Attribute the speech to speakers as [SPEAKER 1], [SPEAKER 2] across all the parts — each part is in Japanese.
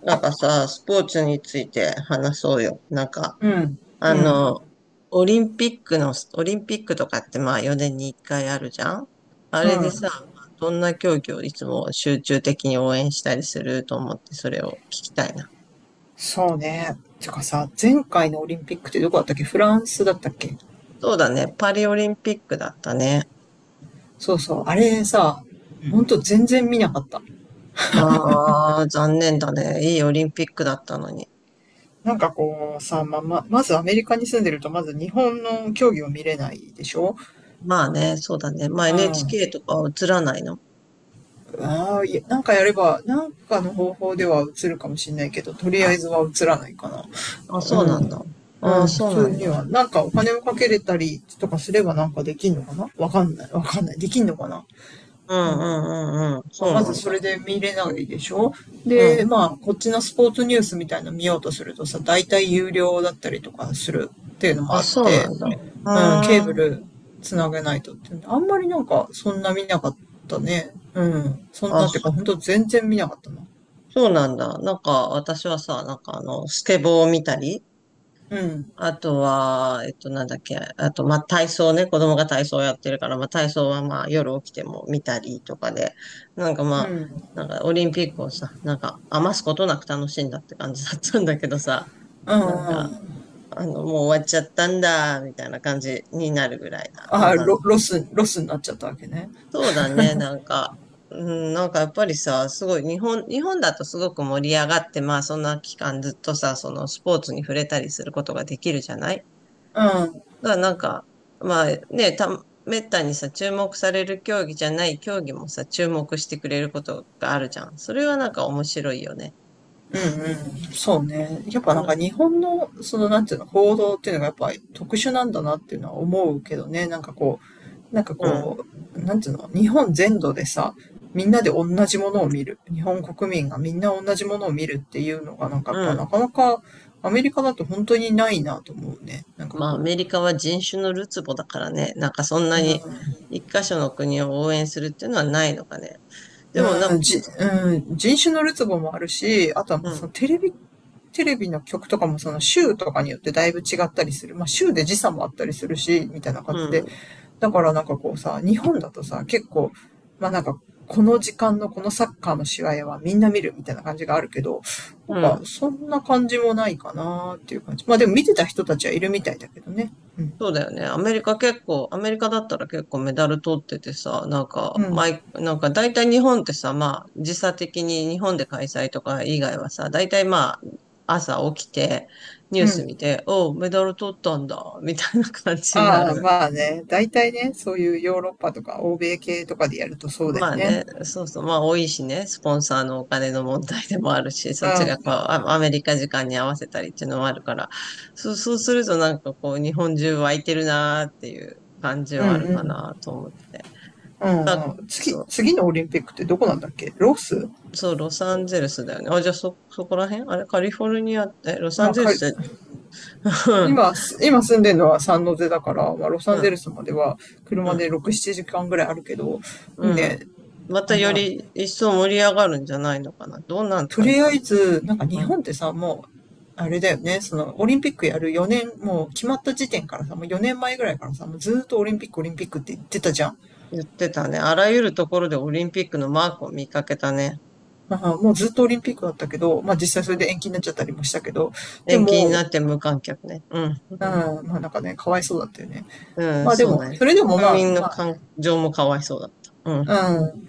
[SPEAKER 1] なんかさ、スポーツについて話そうよ。なんか、
[SPEAKER 2] うん、う
[SPEAKER 1] あ
[SPEAKER 2] ん、
[SPEAKER 1] の、オリンピックとかってまあ4年に1回あるじゃん。あ
[SPEAKER 2] う
[SPEAKER 1] れで
[SPEAKER 2] ん。
[SPEAKER 1] さ、どんな競技をいつも集中的に応援したりすると思って、それを聞きたいな。
[SPEAKER 2] そうね。てかさ、前回のオリンピックってどこだったっけ？フランスだったっけ？
[SPEAKER 1] そうだね、パリオリンピックだったね。
[SPEAKER 2] そうそう。あれさ、
[SPEAKER 1] う
[SPEAKER 2] ほん
[SPEAKER 1] ん。
[SPEAKER 2] と全然見なかった。
[SPEAKER 1] ああ、残念だね。いいオリンピックだったのに。
[SPEAKER 2] なんかこうさ、まあ、まずアメリカに住んでると、まず日本の競技を見れないでしょ？
[SPEAKER 1] まあね、そうだね。
[SPEAKER 2] う
[SPEAKER 1] ま
[SPEAKER 2] ん。
[SPEAKER 1] あ
[SPEAKER 2] あ
[SPEAKER 1] NHK とかは映らないの。
[SPEAKER 2] あ、いやなんかやれば、なんかの方法では映るかもしれないけど、とりあえずは映らないかな。
[SPEAKER 1] あ、そう
[SPEAKER 2] う
[SPEAKER 1] なんだ。
[SPEAKER 2] ん。う
[SPEAKER 1] ああ、
[SPEAKER 2] ん、普
[SPEAKER 1] そうな
[SPEAKER 2] 通
[SPEAKER 1] ん
[SPEAKER 2] に
[SPEAKER 1] だ。
[SPEAKER 2] は。なんかお金をかけれたりとかすればなんかできんのかな？わかんない。わかんない。できんのかな？
[SPEAKER 1] う
[SPEAKER 2] う
[SPEAKER 1] んう
[SPEAKER 2] ん。
[SPEAKER 1] んうんうん。
[SPEAKER 2] まあ、
[SPEAKER 1] そう
[SPEAKER 2] まず
[SPEAKER 1] なん
[SPEAKER 2] そ
[SPEAKER 1] だ。
[SPEAKER 2] れで見れないでしょ。
[SPEAKER 1] う
[SPEAKER 2] で、
[SPEAKER 1] ん。
[SPEAKER 2] まあ、こっちのスポーツニュースみたいなの見ようとするとさ、大体有料だったりとかする、っていうのも
[SPEAKER 1] あ、
[SPEAKER 2] あっ
[SPEAKER 1] そうな
[SPEAKER 2] て、
[SPEAKER 1] んだ。う
[SPEAKER 2] うん、ケーブ
[SPEAKER 1] ーん。
[SPEAKER 2] ルつなげないとってあんまりなんか、そんな見なかったね。うん。そん
[SPEAKER 1] あ、
[SPEAKER 2] なってか、ほんと全然見なかったな。
[SPEAKER 1] そうなんだ。なんか、私はさ、なんかスケボーを見たり、
[SPEAKER 2] うん。
[SPEAKER 1] あとは、なんだっけ、あと、まあ、体操ね、子供が体操やってるから、まあ、体操はまあ、夜起きても見たりとかで、なんかま
[SPEAKER 2] うん。う
[SPEAKER 1] あ、
[SPEAKER 2] ん、うん。
[SPEAKER 1] なんかオリンピックをさ、なんか余すことなく楽しんだって感じだったんだけどさ、なんか、
[SPEAKER 2] あ
[SPEAKER 1] もう終わっちゃったんだ、みたいな感じになるぐらいなの
[SPEAKER 2] あ、ロスになっちゃったわけね。
[SPEAKER 1] そうだね、なんか、うん、なんかやっぱりさ、すごい日本だとすごく盛り上がって、まあそんな期間ずっとさ、そのスポーツに触れたりすることができるじゃない。
[SPEAKER 2] うん。
[SPEAKER 1] だからなんか、まあね、めったにさ、注目される競技じゃない競技もさ、注目してくれることがあるじゃん。それはなんか面白いよね。
[SPEAKER 2] うんうん。そうね。やっぱ
[SPEAKER 1] う
[SPEAKER 2] なんか
[SPEAKER 1] ん、
[SPEAKER 2] 日本の、そのなんていうの、報道っていうのがやっぱ特殊なんだなっていうのは思うけどね。なんかこう、なんか
[SPEAKER 1] うん、
[SPEAKER 2] こう、なんていうの、日本全土でさ、みんなで同じものを見る。日本国民がみんな同じものを見るっていうのがなんか
[SPEAKER 1] う
[SPEAKER 2] やっぱ
[SPEAKER 1] ん。
[SPEAKER 2] なかなかアメリカだと本当にないなと思うね。なんか
[SPEAKER 1] まあア
[SPEAKER 2] こ
[SPEAKER 1] メリカは人種のるつぼだからね、なんかそんな
[SPEAKER 2] う、う
[SPEAKER 1] に
[SPEAKER 2] ん、
[SPEAKER 1] 一箇所の国を応援するっていうのはないのかね。でもな、
[SPEAKER 2] うん、うん、人種のるつぼもあるし、あとはま
[SPEAKER 1] う
[SPEAKER 2] あそ
[SPEAKER 1] ん、
[SPEAKER 2] のテレビ、の曲とかもその週とかによってだいぶ違ったりする。まあ週で時差もあったりするし、みたいな感
[SPEAKER 1] う
[SPEAKER 2] じで。
[SPEAKER 1] ん、
[SPEAKER 2] だからなんかこうさ、日本だとさ、結構、まあなんか、この時間のこのサッカーの試合はみんな見るみたいな感じがあるけど、なん
[SPEAKER 1] う
[SPEAKER 2] か
[SPEAKER 1] ん。
[SPEAKER 2] そんな感じもないかなーっていう感じ。まあでも見てた人たちはいるみたいだけどね。うん。
[SPEAKER 1] そうだよね。アメリカだったら結構メダル取っててさ、なんか、
[SPEAKER 2] うん。
[SPEAKER 1] なんか大体日本ってさ、まあ、時差的に日本で開催とか以外はさ、大体まあ、朝起きて、ニュー
[SPEAKER 2] う
[SPEAKER 1] ス
[SPEAKER 2] ん。
[SPEAKER 1] 見て、おう、メダル取ったんだ、みたいな感じにな
[SPEAKER 2] ああ、
[SPEAKER 1] る。
[SPEAKER 2] まあね。大体ね、そういうヨーロッパとか欧米系とかでやるとそうだ
[SPEAKER 1] ま
[SPEAKER 2] よ
[SPEAKER 1] あ
[SPEAKER 2] ね。
[SPEAKER 1] ね、そうそう、まあ多いしね、スポンサーのお金の問題でもあるし、そっち
[SPEAKER 2] う
[SPEAKER 1] がこう、
[SPEAKER 2] ん。
[SPEAKER 1] アアメリカ時間に合わせたりっていうのもあるから、そうするとなんかこう、日本中湧いてるなーっていう感じ
[SPEAKER 2] うん
[SPEAKER 1] はある
[SPEAKER 2] う
[SPEAKER 1] か
[SPEAKER 2] ん。
[SPEAKER 1] なと思って。
[SPEAKER 2] う
[SPEAKER 1] あ、
[SPEAKER 2] んうん。次、
[SPEAKER 1] そう、
[SPEAKER 2] 次のオリンピックってどこなんだっけ？ロス？
[SPEAKER 1] そう、ロサンゼルスだよね。あ、じゃあそこら辺あれ、カリフォルニア、ロサ
[SPEAKER 2] ま
[SPEAKER 1] ン
[SPEAKER 2] あ、
[SPEAKER 1] ゼル
[SPEAKER 2] か
[SPEAKER 1] スって、
[SPEAKER 2] 今、す今住んでるのはサンノゼだから、まあ、ロサ
[SPEAKER 1] う
[SPEAKER 2] ンゼル
[SPEAKER 1] ん、
[SPEAKER 2] スまでは
[SPEAKER 1] う
[SPEAKER 2] 車
[SPEAKER 1] ん、
[SPEAKER 2] で6、7時間ぐらいあるけど、でも
[SPEAKER 1] うん。
[SPEAKER 2] ね、
[SPEAKER 1] ま
[SPEAKER 2] あ
[SPEAKER 1] た
[SPEAKER 2] ん
[SPEAKER 1] よ
[SPEAKER 2] ま、
[SPEAKER 1] り一層盛り上がるんじゃないのかな。どんな
[SPEAKER 2] と
[SPEAKER 1] 感じ
[SPEAKER 2] り
[SPEAKER 1] な
[SPEAKER 2] あ
[SPEAKER 1] の。
[SPEAKER 2] えず、なんか
[SPEAKER 1] う
[SPEAKER 2] 日
[SPEAKER 1] ん。
[SPEAKER 2] 本ってさ、もう、あれだよね、その、オリンピックやる4年、もう決まった時点からさ、もう4年前ぐらいからさ、もうずーっとオリンピック、オリンピックって言ってたじゃん。
[SPEAKER 1] 言ってたね。あらゆるところでオリンピックのマークを見かけたね。
[SPEAKER 2] まあ、もうずっとオリンピックだったけど、まあ実際
[SPEAKER 1] う
[SPEAKER 2] それ
[SPEAKER 1] ん。
[SPEAKER 2] で延期になっちゃったりもしたけど、で
[SPEAKER 1] 延
[SPEAKER 2] も、
[SPEAKER 1] 期に
[SPEAKER 2] う
[SPEAKER 1] な
[SPEAKER 2] ん、
[SPEAKER 1] って無観客ね。うん。
[SPEAKER 2] まあなんかね、かわいそうだったよね。
[SPEAKER 1] うん、
[SPEAKER 2] まあで
[SPEAKER 1] そう
[SPEAKER 2] も、
[SPEAKER 1] だね。
[SPEAKER 2] それでも
[SPEAKER 1] 国
[SPEAKER 2] まあ、
[SPEAKER 1] 民の感情もかわいそうだった。う
[SPEAKER 2] う
[SPEAKER 1] ん。
[SPEAKER 2] ん。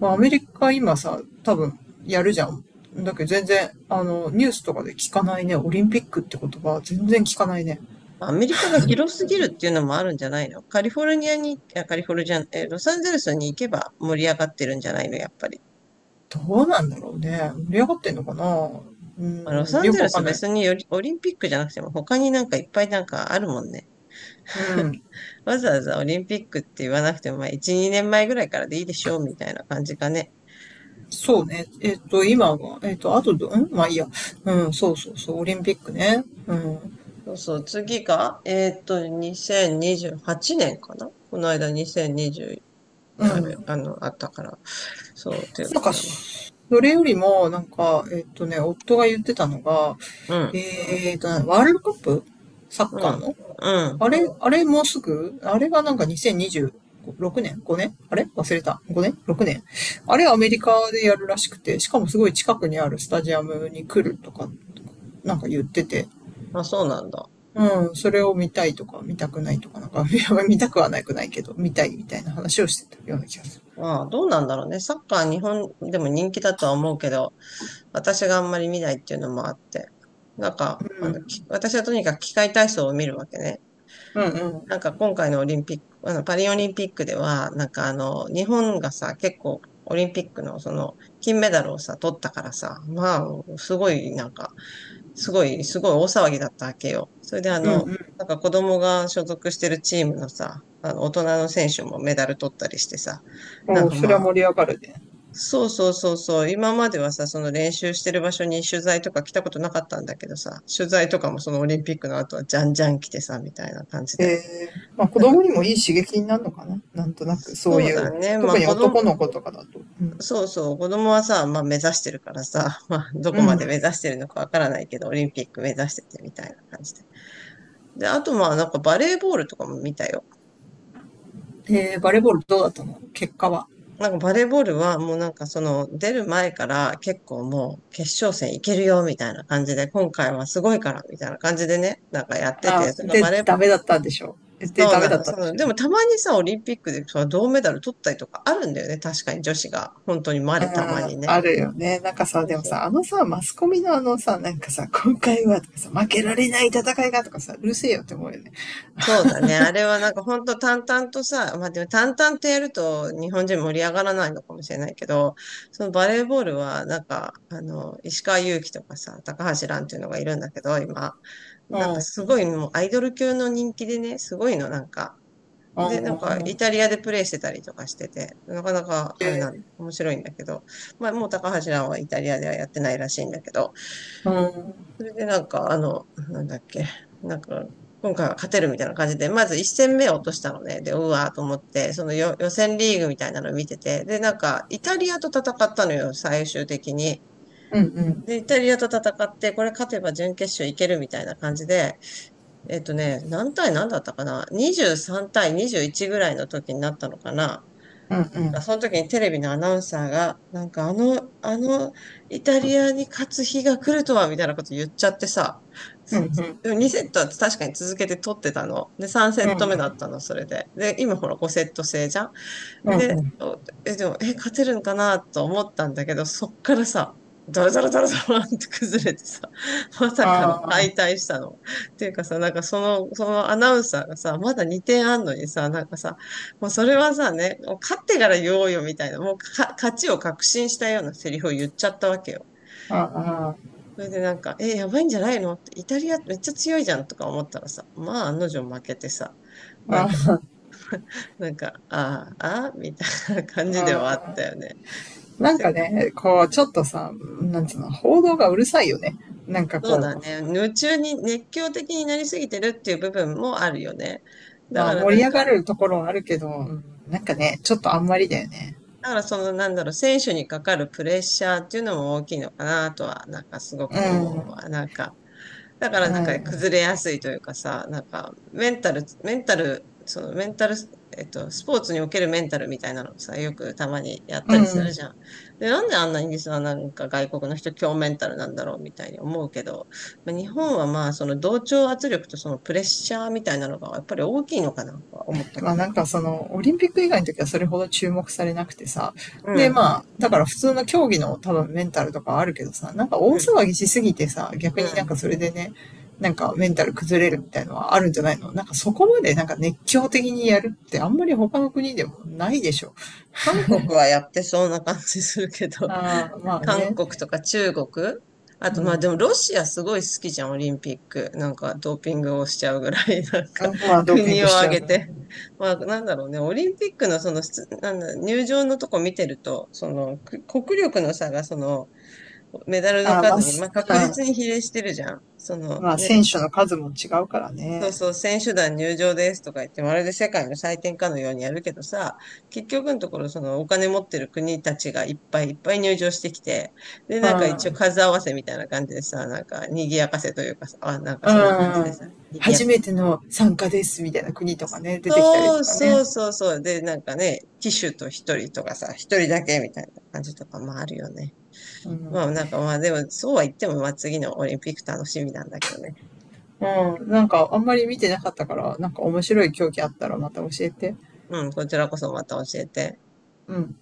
[SPEAKER 2] まあアメリカ今さ、多分やるじゃん。だけど全然、ニュースとかで聞かないね。オリンピックって言葉全然聞かないね。
[SPEAKER 1] アメリカが広すぎるっていうのもあるんじゃないの？カリフォルニアに、いやカリフォルニア、ロサンゼルスに行けば盛り上がってるんじゃないの、やっぱり。
[SPEAKER 2] どうなんだろうね。盛り上がってんのかな？う
[SPEAKER 1] まあロ
[SPEAKER 2] ん、
[SPEAKER 1] サン
[SPEAKER 2] よ
[SPEAKER 1] ゼ
[SPEAKER 2] く
[SPEAKER 1] ル
[SPEAKER 2] わか
[SPEAKER 1] ス
[SPEAKER 2] んない。
[SPEAKER 1] 別によりオリンピックじゃなくても他になんかいっぱいなんかあるもんね。
[SPEAKER 2] うん。
[SPEAKER 1] わざわざオリンピックって言わなくても、まあ1、2年前ぐらいからでいいでしょうみたいな感じかね。
[SPEAKER 2] そうね。今が、あとまあいいや。うん、そうそうそう、オリンピックね。うん。
[SPEAKER 1] そうそう、次が、2028年かな。この間2020、
[SPEAKER 2] う
[SPEAKER 1] ある、
[SPEAKER 2] ん。
[SPEAKER 1] あの、あったから。そう、ていう
[SPEAKER 2] なんか、
[SPEAKER 1] かな。
[SPEAKER 2] それよりも、なんか、夫が言ってたのが、
[SPEAKER 1] うん、
[SPEAKER 2] ワールドカップサ
[SPEAKER 1] う
[SPEAKER 2] ッカー
[SPEAKER 1] ん、
[SPEAKER 2] の
[SPEAKER 1] うん。
[SPEAKER 2] あれもうすぐあれがなんか2026年？ 5 年？あれ忘れた。5年？ 6 年？あれアメリカでやるらしくて、しかもすごい近くにあるスタジアムに来るとか、なんか言ってて、
[SPEAKER 1] あ、そうなんだ。
[SPEAKER 2] うん、それを見たいとか、見たくないとか、なんか、いや見たくはなくないけど、見たいみたいな話をしてたような気がす
[SPEAKER 1] まあ、どうなんだろうね。サッカー日本でも人気だとは思うけど、私があんまり見ないっていうのもあって。なんか、
[SPEAKER 2] る。
[SPEAKER 1] 私はとにかく器械体操を見るわけね。
[SPEAKER 2] うん、うん、
[SPEAKER 1] なんか今回のオリンピック、パリオリンピックでは、なんか日本がさ、結構オリンピックの金メダルをさ、取ったからさ、まあ、すごい、なんか、すごい、すごい大騒ぎだったわけよ。それで
[SPEAKER 2] うん、うん、
[SPEAKER 1] なんか子供が所属してるチームのさ、大人の選手もメダル取ったりしてさ、なんか
[SPEAKER 2] それは
[SPEAKER 1] ま
[SPEAKER 2] 盛り上がるね。
[SPEAKER 1] そうそうそうそう。今まではさ、その練習してる場所に取材とか来たことなかったんだけどさ、取材とかもそのオリンピックの後はじゃんじゃん来てさ、みたいな感じ
[SPEAKER 2] え
[SPEAKER 1] で。
[SPEAKER 2] えまあ子
[SPEAKER 1] なんか、
[SPEAKER 2] 供にもいい刺激になるのかな？なんとなく、そう
[SPEAKER 1] そ
[SPEAKER 2] い
[SPEAKER 1] うだ
[SPEAKER 2] う。
[SPEAKER 1] ね。まあ
[SPEAKER 2] 特に
[SPEAKER 1] 子供、
[SPEAKER 2] 男の子とかだと。うん。
[SPEAKER 1] そうそう、子供はさ、まあ目指してるからさ、まあど
[SPEAKER 2] う
[SPEAKER 1] こまで
[SPEAKER 2] ん。
[SPEAKER 1] 目指してるのかわからないけど、オリンピック目指しててみたいな感じで。で、あとまあなんかバレーボールとかも見たよ。
[SPEAKER 2] えー、バレーボールどうだったの？結果は。
[SPEAKER 1] なんかバレーボールはもうなんかその出る前から結構もう決勝戦いけるよみたいな感じで今回はすごいからみたいな感じでね、なんかやって
[SPEAKER 2] あ、
[SPEAKER 1] て、その
[SPEAKER 2] で、
[SPEAKER 1] バレ
[SPEAKER 2] ダ
[SPEAKER 1] ー、
[SPEAKER 2] メだったんでしょ？で、
[SPEAKER 1] そう
[SPEAKER 2] ダメ
[SPEAKER 1] な
[SPEAKER 2] だ
[SPEAKER 1] の、
[SPEAKER 2] ったんでしょ？
[SPEAKER 1] でもたまにさ、オリンピックでその銅メダル取ったりとかあるんだよね、確かに女子が。本当にま
[SPEAKER 2] う
[SPEAKER 1] れたまに
[SPEAKER 2] ん、
[SPEAKER 1] ね。
[SPEAKER 2] あるよね。なんかさ、
[SPEAKER 1] そう
[SPEAKER 2] でも
[SPEAKER 1] そ
[SPEAKER 2] さ、
[SPEAKER 1] う
[SPEAKER 2] あのさ、マスコミのあのさ、なんかさ、今回はとかさ、負けられない戦いがとかさ、うるせえよって思うよね。
[SPEAKER 1] そうだね。あれはなんか本当淡々とさ、まあでも淡々とやると日本人盛り上がらないのかもしれないけど、そのバレーボールはなんか、石川祐希とかさ、高橋藍っていうのがいるんだけど、今。
[SPEAKER 2] う
[SPEAKER 1] なんかす
[SPEAKER 2] ん、
[SPEAKER 1] ごいもうアイドル級の人気でね、すごいのなんか。
[SPEAKER 2] うん、
[SPEAKER 1] で、なんか
[SPEAKER 2] う
[SPEAKER 1] イ
[SPEAKER 2] ん、
[SPEAKER 1] タリアでプレイしてたりとかしてて、なかなかあれ面白いんだけど、まあもう高橋藍はイタリアではやってないらしいんだけど、
[SPEAKER 2] うん、
[SPEAKER 1] それでなんか、なんだっけ、なんか、今回は勝てるみたいな感じで、まず1戦目を落としたのね。で、うわーと思って、その予選リーグみたいなの見てて、で、なんか、イタリアと戦ったのよ、最終的に。
[SPEAKER 2] うん、うん、
[SPEAKER 1] で、イタリアと戦って、これ勝てば準決勝いけるみたいな感じで、何対何だったかな？ 23 対21ぐらいの時になったのかな。
[SPEAKER 2] うん、うん、
[SPEAKER 1] その時にテレビのアナウンサーが、なんかイタリアに勝つ日が来るとは、みたいなこと言っちゃってさ、
[SPEAKER 2] うん、う
[SPEAKER 1] す
[SPEAKER 2] ん、
[SPEAKER 1] でも2セットは確かに続けて取ってたの。で、3セット目だったの、それで。で、今ほら5セット制じゃん。
[SPEAKER 2] うん、う
[SPEAKER 1] で、
[SPEAKER 2] ん、
[SPEAKER 1] でも、勝てるんかなと思ったんだけど、そっからさ、ダラダラダラダラって崩れてさ、まさかの
[SPEAKER 2] あ
[SPEAKER 1] 敗
[SPEAKER 2] あ、
[SPEAKER 1] 退したの。っていうかさ、なんかそのアナウンサーがさ、まだ2点あんのにさ、なんかさ、もうそれはさね、もう勝ってから言おうよみたいな、もう勝ちを確信したようなセリフを言っちゃったわけよ。
[SPEAKER 2] あ
[SPEAKER 1] それでなんか、やばいんじゃないのって、イタリアめっちゃ強いじゃんとか思ったらさ、まあ案の定負けてさ、なん
[SPEAKER 2] あ、
[SPEAKER 1] か、
[SPEAKER 2] あ
[SPEAKER 1] なんか、ああ、ああ、みたいな感じではあった
[SPEAKER 2] あ、
[SPEAKER 1] よね。
[SPEAKER 2] なん
[SPEAKER 1] せ
[SPEAKER 2] かね、こう、ちょっとさ、なんつうの、報道がうるさいよね。なんか
[SPEAKER 1] そう
[SPEAKER 2] こ
[SPEAKER 1] だ
[SPEAKER 2] う、
[SPEAKER 1] ね。夢中に、熱狂的になりすぎてるっていう部分もあるよね。だ
[SPEAKER 2] まあ
[SPEAKER 1] から
[SPEAKER 2] 盛
[SPEAKER 1] な
[SPEAKER 2] り
[SPEAKER 1] ん
[SPEAKER 2] 上
[SPEAKER 1] か、
[SPEAKER 2] がるところはあるけど、うん。なんかね、ちょっとあんまりだよね。
[SPEAKER 1] だからその、なんだろう、選手にかかるプレッシャーっていうのも大きいのかなとは、なんかすご
[SPEAKER 2] う
[SPEAKER 1] く
[SPEAKER 2] ん、う
[SPEAKER 1] 思う
[SPEAKER 2] ん、
[SPEAKER 1] わ。なんか、だからなんか崩れやすいというかさ、なんかメンタル、メンタル、そのメンタル、スポーツにおけるメンタルみたいなのをさ、よくたまにやっ
[SPEAKER 2] う
[SPEAKER 1] たりする
[SPEAKER 2] ん。
[SPEAKER 1] じゃん。で、なんであんなにさ、なんか外国の人強メンタルなんだろうみたいに思うけど、まあ日本はまあその同調圧力とそのプレッシャーみたいなのがやっぱり大きいのかなとは思った
[SPEAKER 2] ま
[SPEAKER 1] け
[SPEAKER 2] あ
[SPEAKER 1] ど。
[SPEAKER 2] なんかその、オリンピック以外の時はそれほど注目されなくてさ。
[SPEAKER 1] う
[SPEAKER 2] で
[SPEAKER 1] ん、
[SPEAKER 2] まあ、だから普通の競技の多分メンタルとかあるけどさ、なんか大
[SPEAKER 1] うん、
[SPEAKER 2] 騒ぎしすぎてさ、逆
[SPEAKER 1] う
[SPEAKER 2] になん
[SPEAKER 1] ん。
[SPEAKER 2] かそれでね、なんかメンタル崩れるみたいのはあるんじゃないの？なんかそこまでなんか熱狂的にやるってあんまり他の国でもないでしょ。
[SPEAKER 1] 韓国はやってそうな感じするけど、
[SPEAKER 2] ああ、まあ
[SPEAKER 1] 韓
[SPEAKER 2] ね。
[SPEAKER 1] 国とか中国。あ
[SPEAKER 2] う
[SPEAKER 1] と、まあ
[SPEAKER 2] ん。
[SPEAKER 1] でもロシアすごい好きじゃん、オリンピック。なんかドーピングをしちゃうぐらい、なんか
[SPEAKER 2] まあドーピン
[SPEAKER 1] 国
[SPEAKER 2] グ
[SPEAKER 1] を
[SPEAKER 2] しち
[SPEAKER 1] 挙
[SPEAKER 2] ゃう
[SPEAKER 1] げ
[SPEAKER 2] から。
[SPEAKER 1] て。まあなんだろうね、オリンピックのその、すなんだ、入場のとこ見てると、その国力の差がそのメダルの
[SPEAKER 2] ああ、ま
[SPEAKER 1] 数
[SPEAKER 2] あ、
[SPEAKER 1] に、まあ
[SPEAKER 2] う
[SPEAKER 1] 確実
[SPEAKER 2] ん、
[SPEAKER 1] に比例してるじゃん。その
[SPEAKER 2] まあ
[SPEAKER 1] ね、
[SPEAKER 2] 選手の数も違うから
[SPEAKER 1] そう
[SPEAKER 2] ね。
[SPEAKER 1] そう、選手団入場ですとか言って、まるで世界の祭典かのようにやるけどさ、結局のところ、そのお金持ってる国たちがいっぱいいっぱい入場してきて、で、
[SPEAKER 2] う
[SPEAKER 1] なんか一応
[SPEAKER 2] ん。
[SPEAKER 1] 数合わせみたいな感じでさ、なんか賑やかせというかさ、あ、なんか
[SPEAKER 2] う
[SPEAKER 1] そんな感じでさ、
[SPEAKER 2] ん。
[SPEAKER 1] 賑や
[SPEAKER 2] 初
[SPEAKER 1] か。
[SPEAKER 2] めての参加ですみたいな国とかね、出てきたり
[SPEAKER 1] そ
[SPEAKER 2] と
[SPEAKER 1] う
[SPEAKER 2] か
[SPEAKER 1] そ
[SPEAKER 2] ね。
[SPEAKER 1] うそうそう。で、なんかね、騎手と一人とかさ、一人だけみたいな感じとかもあるよね。
[SPEAKER 2] う
[SPEAKER 1] ま
[SPEAKER 2] ん。
[SPEAKER 1] あなんかまあでも、そうは言っても、まあ次のオリンピック楽しみなんだけどね。
[SPEAKER 2] うん。なんかあんまり見てなかったから、なんか面白い競技あったらまた教えて。
[SPEAKER 1] うん、こちらこそまた教えて。
[SPEAKER 2] うん。